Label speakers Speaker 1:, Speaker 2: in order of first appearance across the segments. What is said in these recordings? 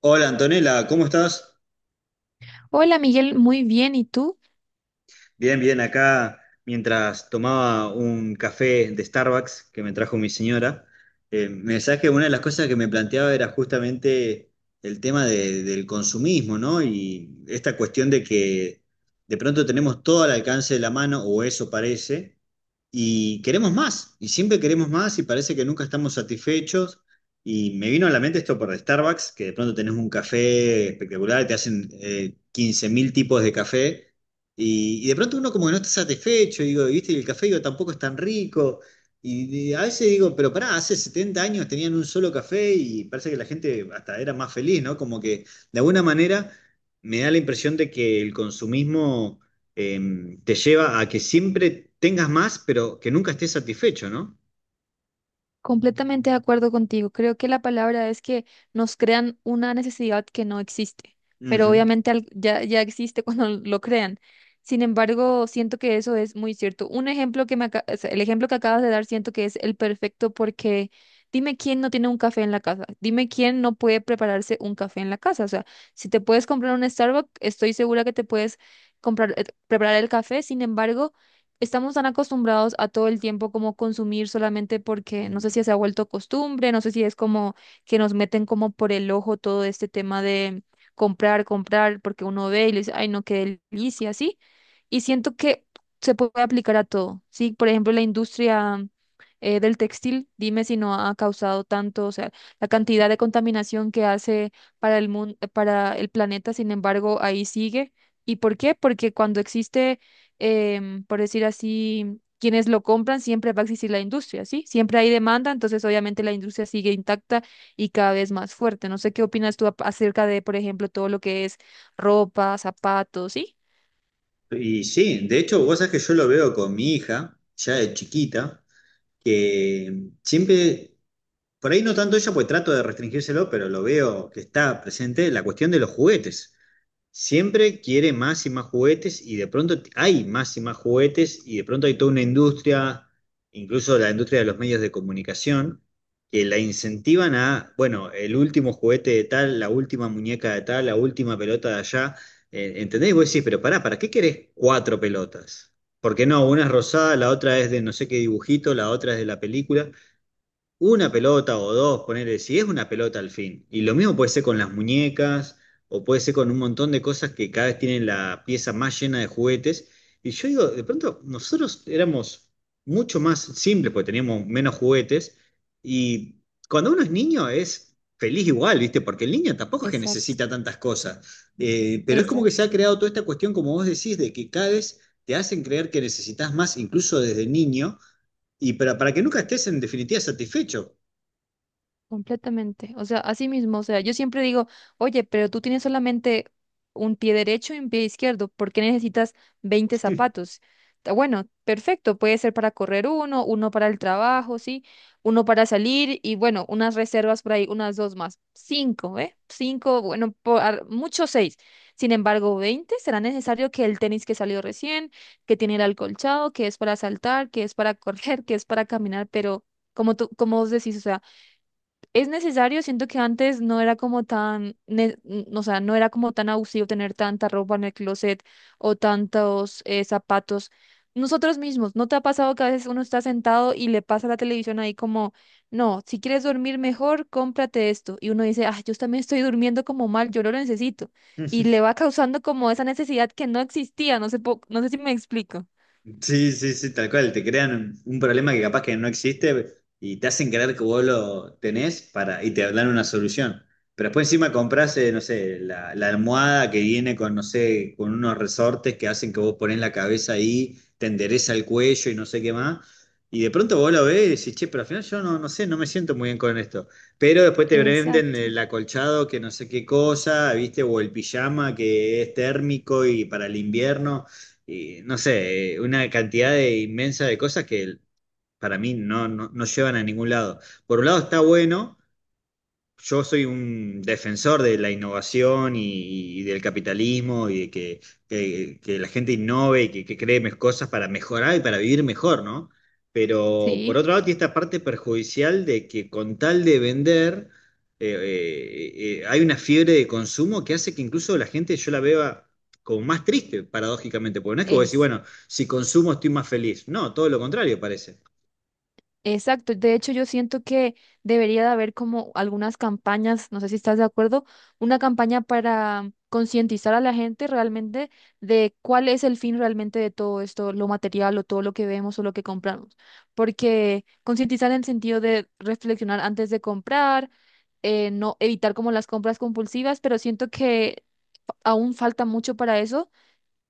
Speaker 1: Hola Antonella, ¿cómo estás?
Speaker 2: Hola Miguel, muy bien. ¿Y tú?
Speaker 1: Bien, bien, acá mientras tomaba un café de Starbucks que me trajo mi señora, me decías que una de las cosas que me planteaba era justamente el tema del consumismo, ¿no? Y esta cuestión de que de pronto tenemos todo al alcance de la mano, o eso parece, y queremos más, y siempre queremos más y parece que nunca estamos satisfechos. Y me vino a la mente esto por Starbucks, que de pronto tenés un café espectacular, te hacen 15.000 tipos de café, y de pronto uno como que no está satisfecho, y digo, viste, y el café digo, tampoco es tan rico. Y a veces digo, pero pará, hace 70 años tenían un solo café y parece que la gente hasta era más feliz, ¿no? Como que de alguna manera me da la impresión de que el consumismo te lleva a que siempre tengas más, pero que nunca estés satisfecho, ¿no?
Speaker 2: Completamente de acuerdo contigo. Creo que la palabra es que nos crean una necesidad que no existe, pero
Speaker 1: Ujú.
Speaker 2: obviamente ya existe cuando lo crean. Sin embargo, siento que eso es muy cierto. Un ejemplo que me, aca- o sea, el ejemplo que acabas de dar siento que es el perfecto porque dime quién no tiene un café en la casa, dime quién no puede prepararse un café en la casa. O sea, si te puedes comprar un Starbucks, estoy segura que te puedes comprar, preparar el café. Sin embargo, estamos tan acostumbrados a todo el tiempo como consumir solamente porque no sé
Speaker 1: Mm.
Speaker 2: si se ha vuelto costumbre, no sé si es como que nos meten como por el ojo todo este tema de comprar, comprar, porque uno ve y le dice, ay, no, qué delicia, sí. Y siento que se puede aplicar a todo, ¿sí? Por ejemplo, la industria del textil, dime si no ha causado tanto, o sea, la cantidad de contaminación que hace para el mundo, para el planeta. Sin embargo, ahí sigue. ¿Y por qué? Porque cuando existe por decir así, quienes lo compran, siempre va a existir la industria, ¿sí? Siempre hay demanda, entonces obviamente la industria sigue intacta y cada vez más fuerte. No sé qué opinas tú acerca de, por ejemplo, todo lo que es ropa, zapatos, ¿sí?
Speaker 1: Y sí, de hecho, vos sabés que yo lo veo con mi hija, ya de chiquita, que siempre, por ahí no tanto ella, pues trato de restringírselo, pero lo veo que está presente la cuestión de los juguetes. Siempre quiere más y más juguetes y de pronto hay más y más juguetes y de pronto hay toda una industria, incluso la industria de los medios de comunicación, que la incentivan a, bueno, el último juguete de tal, la última muñeca de tal, la última pelota de allá. ¿Entendés? Y vos decís, pero pará, ¿para qué querés cuatro pelotas? Porque no, una es rosada, la otra es de no sé qué dibujito, la otra es de la película, una pelota o dos, ponerle, si es una pelota al fin. Y lo mismo puede ser con las muñecas, o puede ser con un montón de cosas que cada vez tienen la pieza más llena de juguetes. Y yo digo, de pronto nosotros éramos mucho más simples porque teníamos menos juguetes. Y cuando uno es niño es feliz igual, ¿viste? Porque el niño tampoco es que
Speaker 2: Exacto,
Speaker 1: necesita tantas cosas. Pero es como que se
Speaker 2: exacto.
Speaker 1: ha creado toda esta cuestión, como vos decís, de que cada vez te hacen creer que necesitas más, incluso desde niño, y para que nunca estés en definitiva satisfecho.
Speaker 2: Completamente. O sea, así mismo. O sea, yo siempre digo, oye, pero tú tienes solamente un pie derecho y un pie izquierdo. ¿Por qué necesitas 20 zapatos? Bueno, perfecto. Puede ser para correr uno, uno para el trabajo, ¿sí? Uno para salir y bueno, unas reservas por ahí, unas dos más. Cinco, ¿eh? Cinco, bueno, mucho seis. Sin embargo, ¿20 será necesario? Que el tenis que salió recién, que tiene el alcolchado, que es para saltar, que es para correr, que es para caminar, pero como tú, como vos decís, o sea. Es necesario, siento que antes no era como tan, ne- n- o sea, no era como tan abusivo tener tanta ropa en el closet o tantos zapatos. Nosotros mismos, ¿no te ha pasado que a veces uno está sentado y le pasa la televisión ahí como, no, si quieres dormir mejor, cómprate esto? Y uno dice, ah, yo también estoy durmiendo como mal, yo lo necesito. Y le va causando como esa necesidad que no existía, no no sé si me explico.
Speaker 1: Sí, sí, sí, tal cual. Te crean un problema que capaz que no existe y te hacen creer que vos lo tenés para, y te dan una solución. Pero después encima compras, no sé, la almohada que viene con, no sé, con unos resortes que hacen que vos ponés la cabeza ahí, te endereza el cuello y no sé qué más. Y de pronto vos lo ves y decís, che, pero al final yo no, no sé, no me siento muy bien con esto. Pero después te venden
Speaker 2: Exacto.
Speaker 1: el acolchado que no sé qué cosa, ¿viste? O el pijama que es térmico y para el invierno. Y no sé, una cantidad de inmensa de cosas que para mí no, no, no llevan a ningún lado. Por un lado está bueno, yo soy un defensor de la innovación y del capitalismo y de que, que la gente innove y que cree cosas para mejorar y para vivir mejor, ¿no? Pero por
Speaker 2: Sí.
Speaker 1: otro lado, tiene esta parte perjudicial de que con tal de vender, hay una fiebre de consumo que hace que incluso la gente yo la vea como más triste, paradójicamente, porque no es que vos decís, bueno, si consumo estoy más feliz. No, todo lo contrario parece.
Speaker 2: Exacto, de hecho yo siento que debería de haber como algunas campañas, no sé si estás de acuerdo, una campaña para concientizar a la gente realmente de cuál es el fin realmente de todo esto, lo material o todo lo que vemos o lo que compramos. Porque concientizar en el sentido de reflexionar antes de comprar, no evitar como las compras compulsivas, pero siento que aún falta mucho para eso,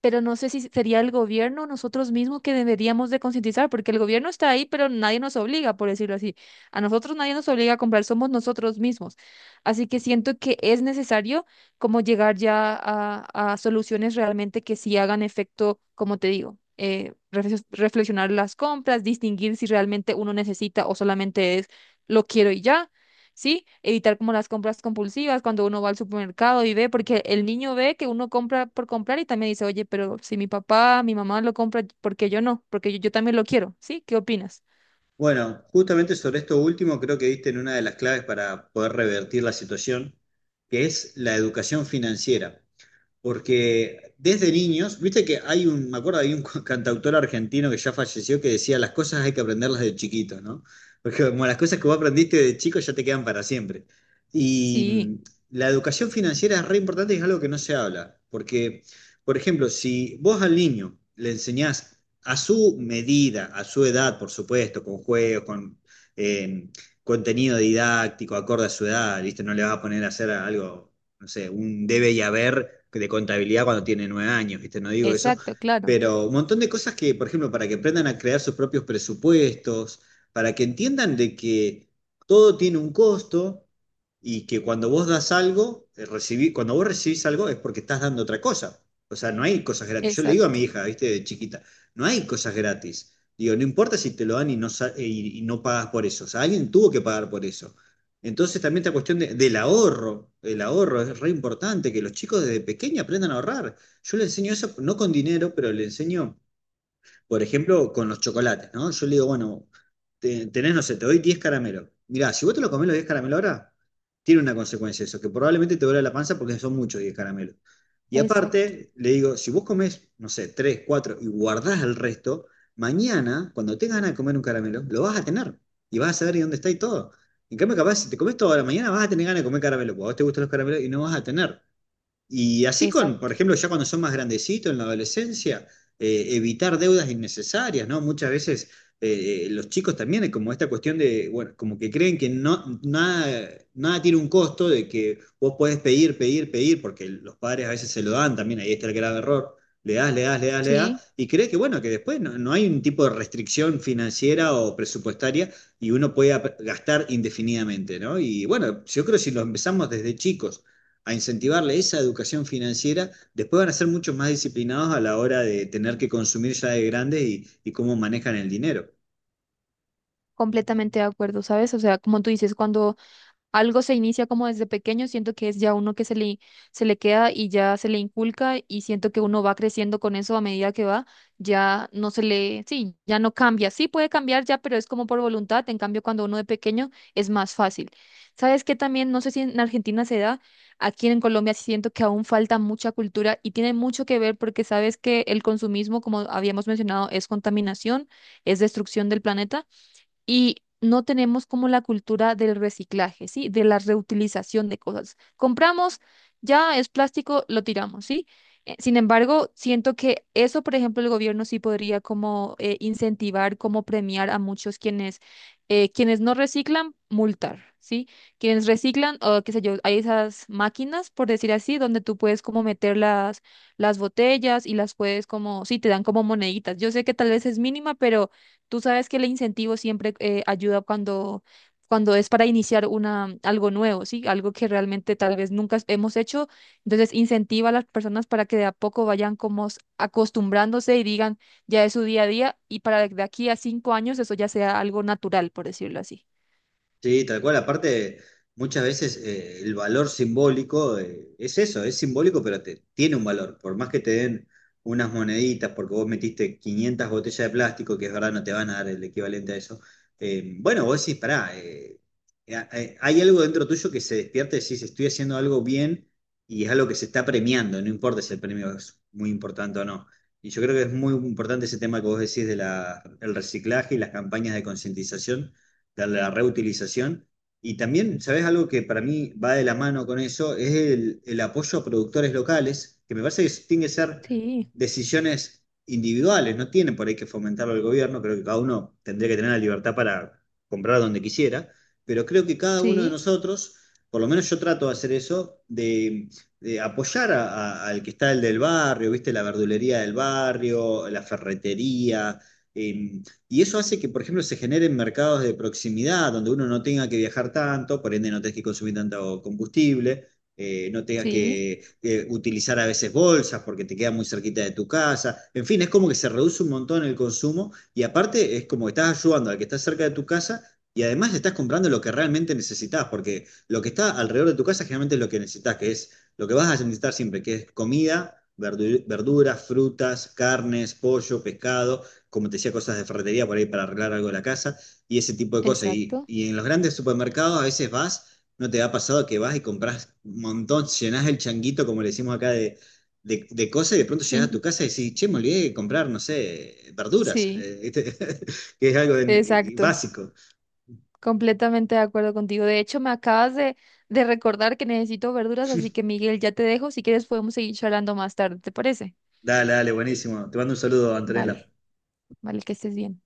Speaker 2: pero no sé si sería el gobierno o nosotros mismos que deberíamos de concientizar, porque el gobierno está ahí, pero nadie nos obliga, por decirlo así. A nosotros nadie nos obliga a comprar, somos nosotros mismos. Así que siento que es necesario como llegar ya a soluciones realmente que sí hagan efecto, como te digo. Reflexionar las compras, distinguir si realmente uno necesita o solamente es lo quiero y ya. Sí, evitar como las compras compulsivas cuando uno va al supermercado y ve, porque el niño ve que uno compra por comprar y también dice, oye, pero si mi papá, mi mamá lo compra, ¿por qué yo no? Porque yo también lo quiero, ¿sí? ¿Qué opinas?
Speaker 1: Bueno, justamente sobre esto último creo que diste en una de las claves para poder revertir la situación, que es la educación financiera, porque desde niños, viste que hay un, me acuerdo, hay un cantautor argentino que ya falleció que decía, las cosas hay que aprenderlas de chiquito, ¿no? Porque como las cosas que vos aprendiste de chico ya te quedan para siempre. Y
Speaker 2: Sí,
Speaker 1: la educación financiera es re importante y es algo que no se habla, porque, por ejemplo, si vos al niño le enseñás a su medida, a su edad, por supuesto, con juegos, con eh, contenido didáctico, acorde a su edad, ¿viste? No le vas a poner a hacer algo, no sé, un debe y haber de contabilidad cuando tiene 9 años, ¿viste? No digo eso,
Speaker 2: exacto, claro,
Speaker 1: pero un montón de cosas que, por ejemplo, para que aprendan a crear sus propios presupuestos, para que entiendan de que todo tiene un costo y que cuando vos das algo, cuando vos recibís algo es porque estás dando otra cosa. O sea, no hay cosas gratis. Yo le digo a mi
Speaker 2: exacto,
Speaker 1: hija, ¿viste? De chiquita, no hay cosas gratis. Digo, no importa si te lo dan y no, y no pagas por eso. O sea, alguien tuvo que pagar por eso. Entonces también esta cuestión del ahorro, el ahorro es re importante, que los chicos desde pequeños aprendan a ahorrar. Yo le enseño eso, no con dinero, pero le enseño, por ejemplo, con los chocolates, ¿no? Yo le digo, bueno, tenés, no sé, te doy 10 caramelos. Mirá, si vos te lo comés los 10 caramelos ahora, tiene una consecuencia eso, que probablemente te duele la panza porque son muchos 10 caramelos. Y
Speaker 2: exacto,
Speaker 1: aparte, le digo, si vos comés, no sé, 3, 4 y guardás el resto, mañana, cuando tengas ganas de comer un caramelo, lo vas a tener y vas a saber dónde está y todo. En cambio, capaz, si te comes todo ahora, mañana vas a tener ganas de comer caramelo, porque a vos te gustan los caramelos y no vas a tener. Y así con, por
Speaker 2: exacto,
Speaker 1: ejemplo, ya cuando son más grandecitos en la adolescencia, evitar deudas innecesarias, ¿no? Muchas veces los chicos también hay como esta cuestión de, bueno, como que creen que no, nada, nada tiene un costo, de que vos podés pedir, pedir, pedir, porque los padres a veces se lo dan también, ahí está el grave error. Le das, le das, le das, le
Speaker 2: sí,
Speaker 1: das, y crees que bueno, que después no hay un tipo de restricción financiera o presupuestaria y uno puede gastar indefinidamente, ¿no? Y bueno, yo creo que si lo empezamos desde chicos a incentivarle esa educación financiera, después van a ser mucho más disciplinados a la hora de tener que consumir ya de grande y cómo manejan el dinero.
Speaker 2: completamente de acuerdo, ¿sabes? O sea, como tú dices, cuando algo se inicia como desde pequeño, siento que es ya uno que se le queda y ya se le inculca y siento que uno va creciendo con eso a medida que va, ya no se le, sí, ya no cambia. Sí puede cambiar ya, pero es como por voluntad. En cambio, cuando uno de pequeño es más fácil. ¿Sabes qué también? No sé si en Argentina se da, aquí en Colombia sí siento que aún falta mucha cultura y tiene mucho que ver porque sabes que el consumismo, como habíamos mencionado, es contaminación, es destrucción del planeta y no tenemos como la cultura del reciclaje, ¿sí? De la reutilización de cosas. Compramos, ya es plástico, lo tiramos, ¿sí? Sin embargo, siento que eso, por ejemplo, el gobierno sí podría como incentivar, como premiar a muchos quienes, quienes no reciclan, multar, ¿sí? Quienes reciclan, o qué sé yo, hay esas máquinas, por decir así, donde tú puedes como meter las botellas y las puedes como, sí, te dan como moneditas. Yo sé que tal vez es mínima, pero tú sabes que el incentivo siempre ayuda cuando, cuando es para iniciar una, algo nuevo, ¿sí? Algo que realmente tal vez nunca hemos hecho. Entonces, incentiva a las personas para que de a poco vayan como acostumbrándose y digan, ya es su día a día, y para de aquí a 5 años eso ya sea algo natural, por decirlo así.
Speaker 1: Sí, tal cual. Aparte, muchas veces el valor simbólico es eso, es simbólico, pero tiene un valor. Por más que te den unas moneditas, porque vos metiste 500 botellas de plástico, que es verdad, no te van a dar el equivalente a eso. Bueno, vos decís, pará, hay algo dentro tuyo que se despierta y decís, estoy haciendo algo bien y es algo que se está premiando, no importa si el premio es muy importante o no. Y yo creo que es muy importante ese tema que vos decís de el reciclaje y las campañas de concientización de la reutilización. Y también, ¿sabes algo que para mí va de la mano con eso? Es el apoyo a productores locales, que me parece que tienen que ser
Speaker 2: Sí,
Speaker 1: decisiones individuales, no tienen por ahí que fomentarlo el gobierno, creo que cada uno tendría que tener la libertad para comprar donde quisiera, pero creo que cada uno de
Speaker 2: sí,
Speaker 1: nosotros, por lo menos yo trato de hacer eso, de apoyar al que está el del barrio, viste, la verdulería del barrio, la ferretería, eh, y eso hace que, por ejemplo, se generen mercados de proximidad, donde uno no tenga que viajar tanto, por ende no tengas que consumir tanto combustible, no tengas
Speaker 2: sí,
Speaker 1: que utilizar a veces bolsas porque te queda muy cerquita de tu casa. En fin, es como que se reduce un montón el consumo y aparte es como que estás ayudando al que está cerca de tu casa y además estás comprando lo que realmente necesitas, porque lo que está alrededor de tu casa generalmente es lo que necesitas, que es lo que vas a necesitar siempre, que es comida, verduras, frutas, carnes, pollo, pescado, como te decía, cosas de ferretería por ahí para arreglar algo de la casa y ese tipo de cosas.
Speaker 2: exacto.
Speaker 1: Y en los grandes supermercados a veces vas, no te ha pasado que vas y compras un montón, llenás el changuito, como le decimos acá, de cosas y de pronto llegas a
Speaker 2: Ujú.
Speaker 1: tu casa y decís, che, me olvidé de comprar, no sé, verduras,
Speaker 2: Sí,
Speaker 1: ¿viste? Que es algo
Speaker 2: exacto.
Speaker 1: básico.
Speaker 2: Completamente de acuerdo contigo. De hecho, me acabas de recordar que necesito verduras, así que Miguel, ya te dejo. Si quieres, podemos seguir charlando más tarde, ¿te parece?
Speaker 1: Dale, dale, buenísimo. Te mando un saludo,
Speaker 2: Vale,
Speaker 1: Antonella.
Speaker 2: vale, que estés bien.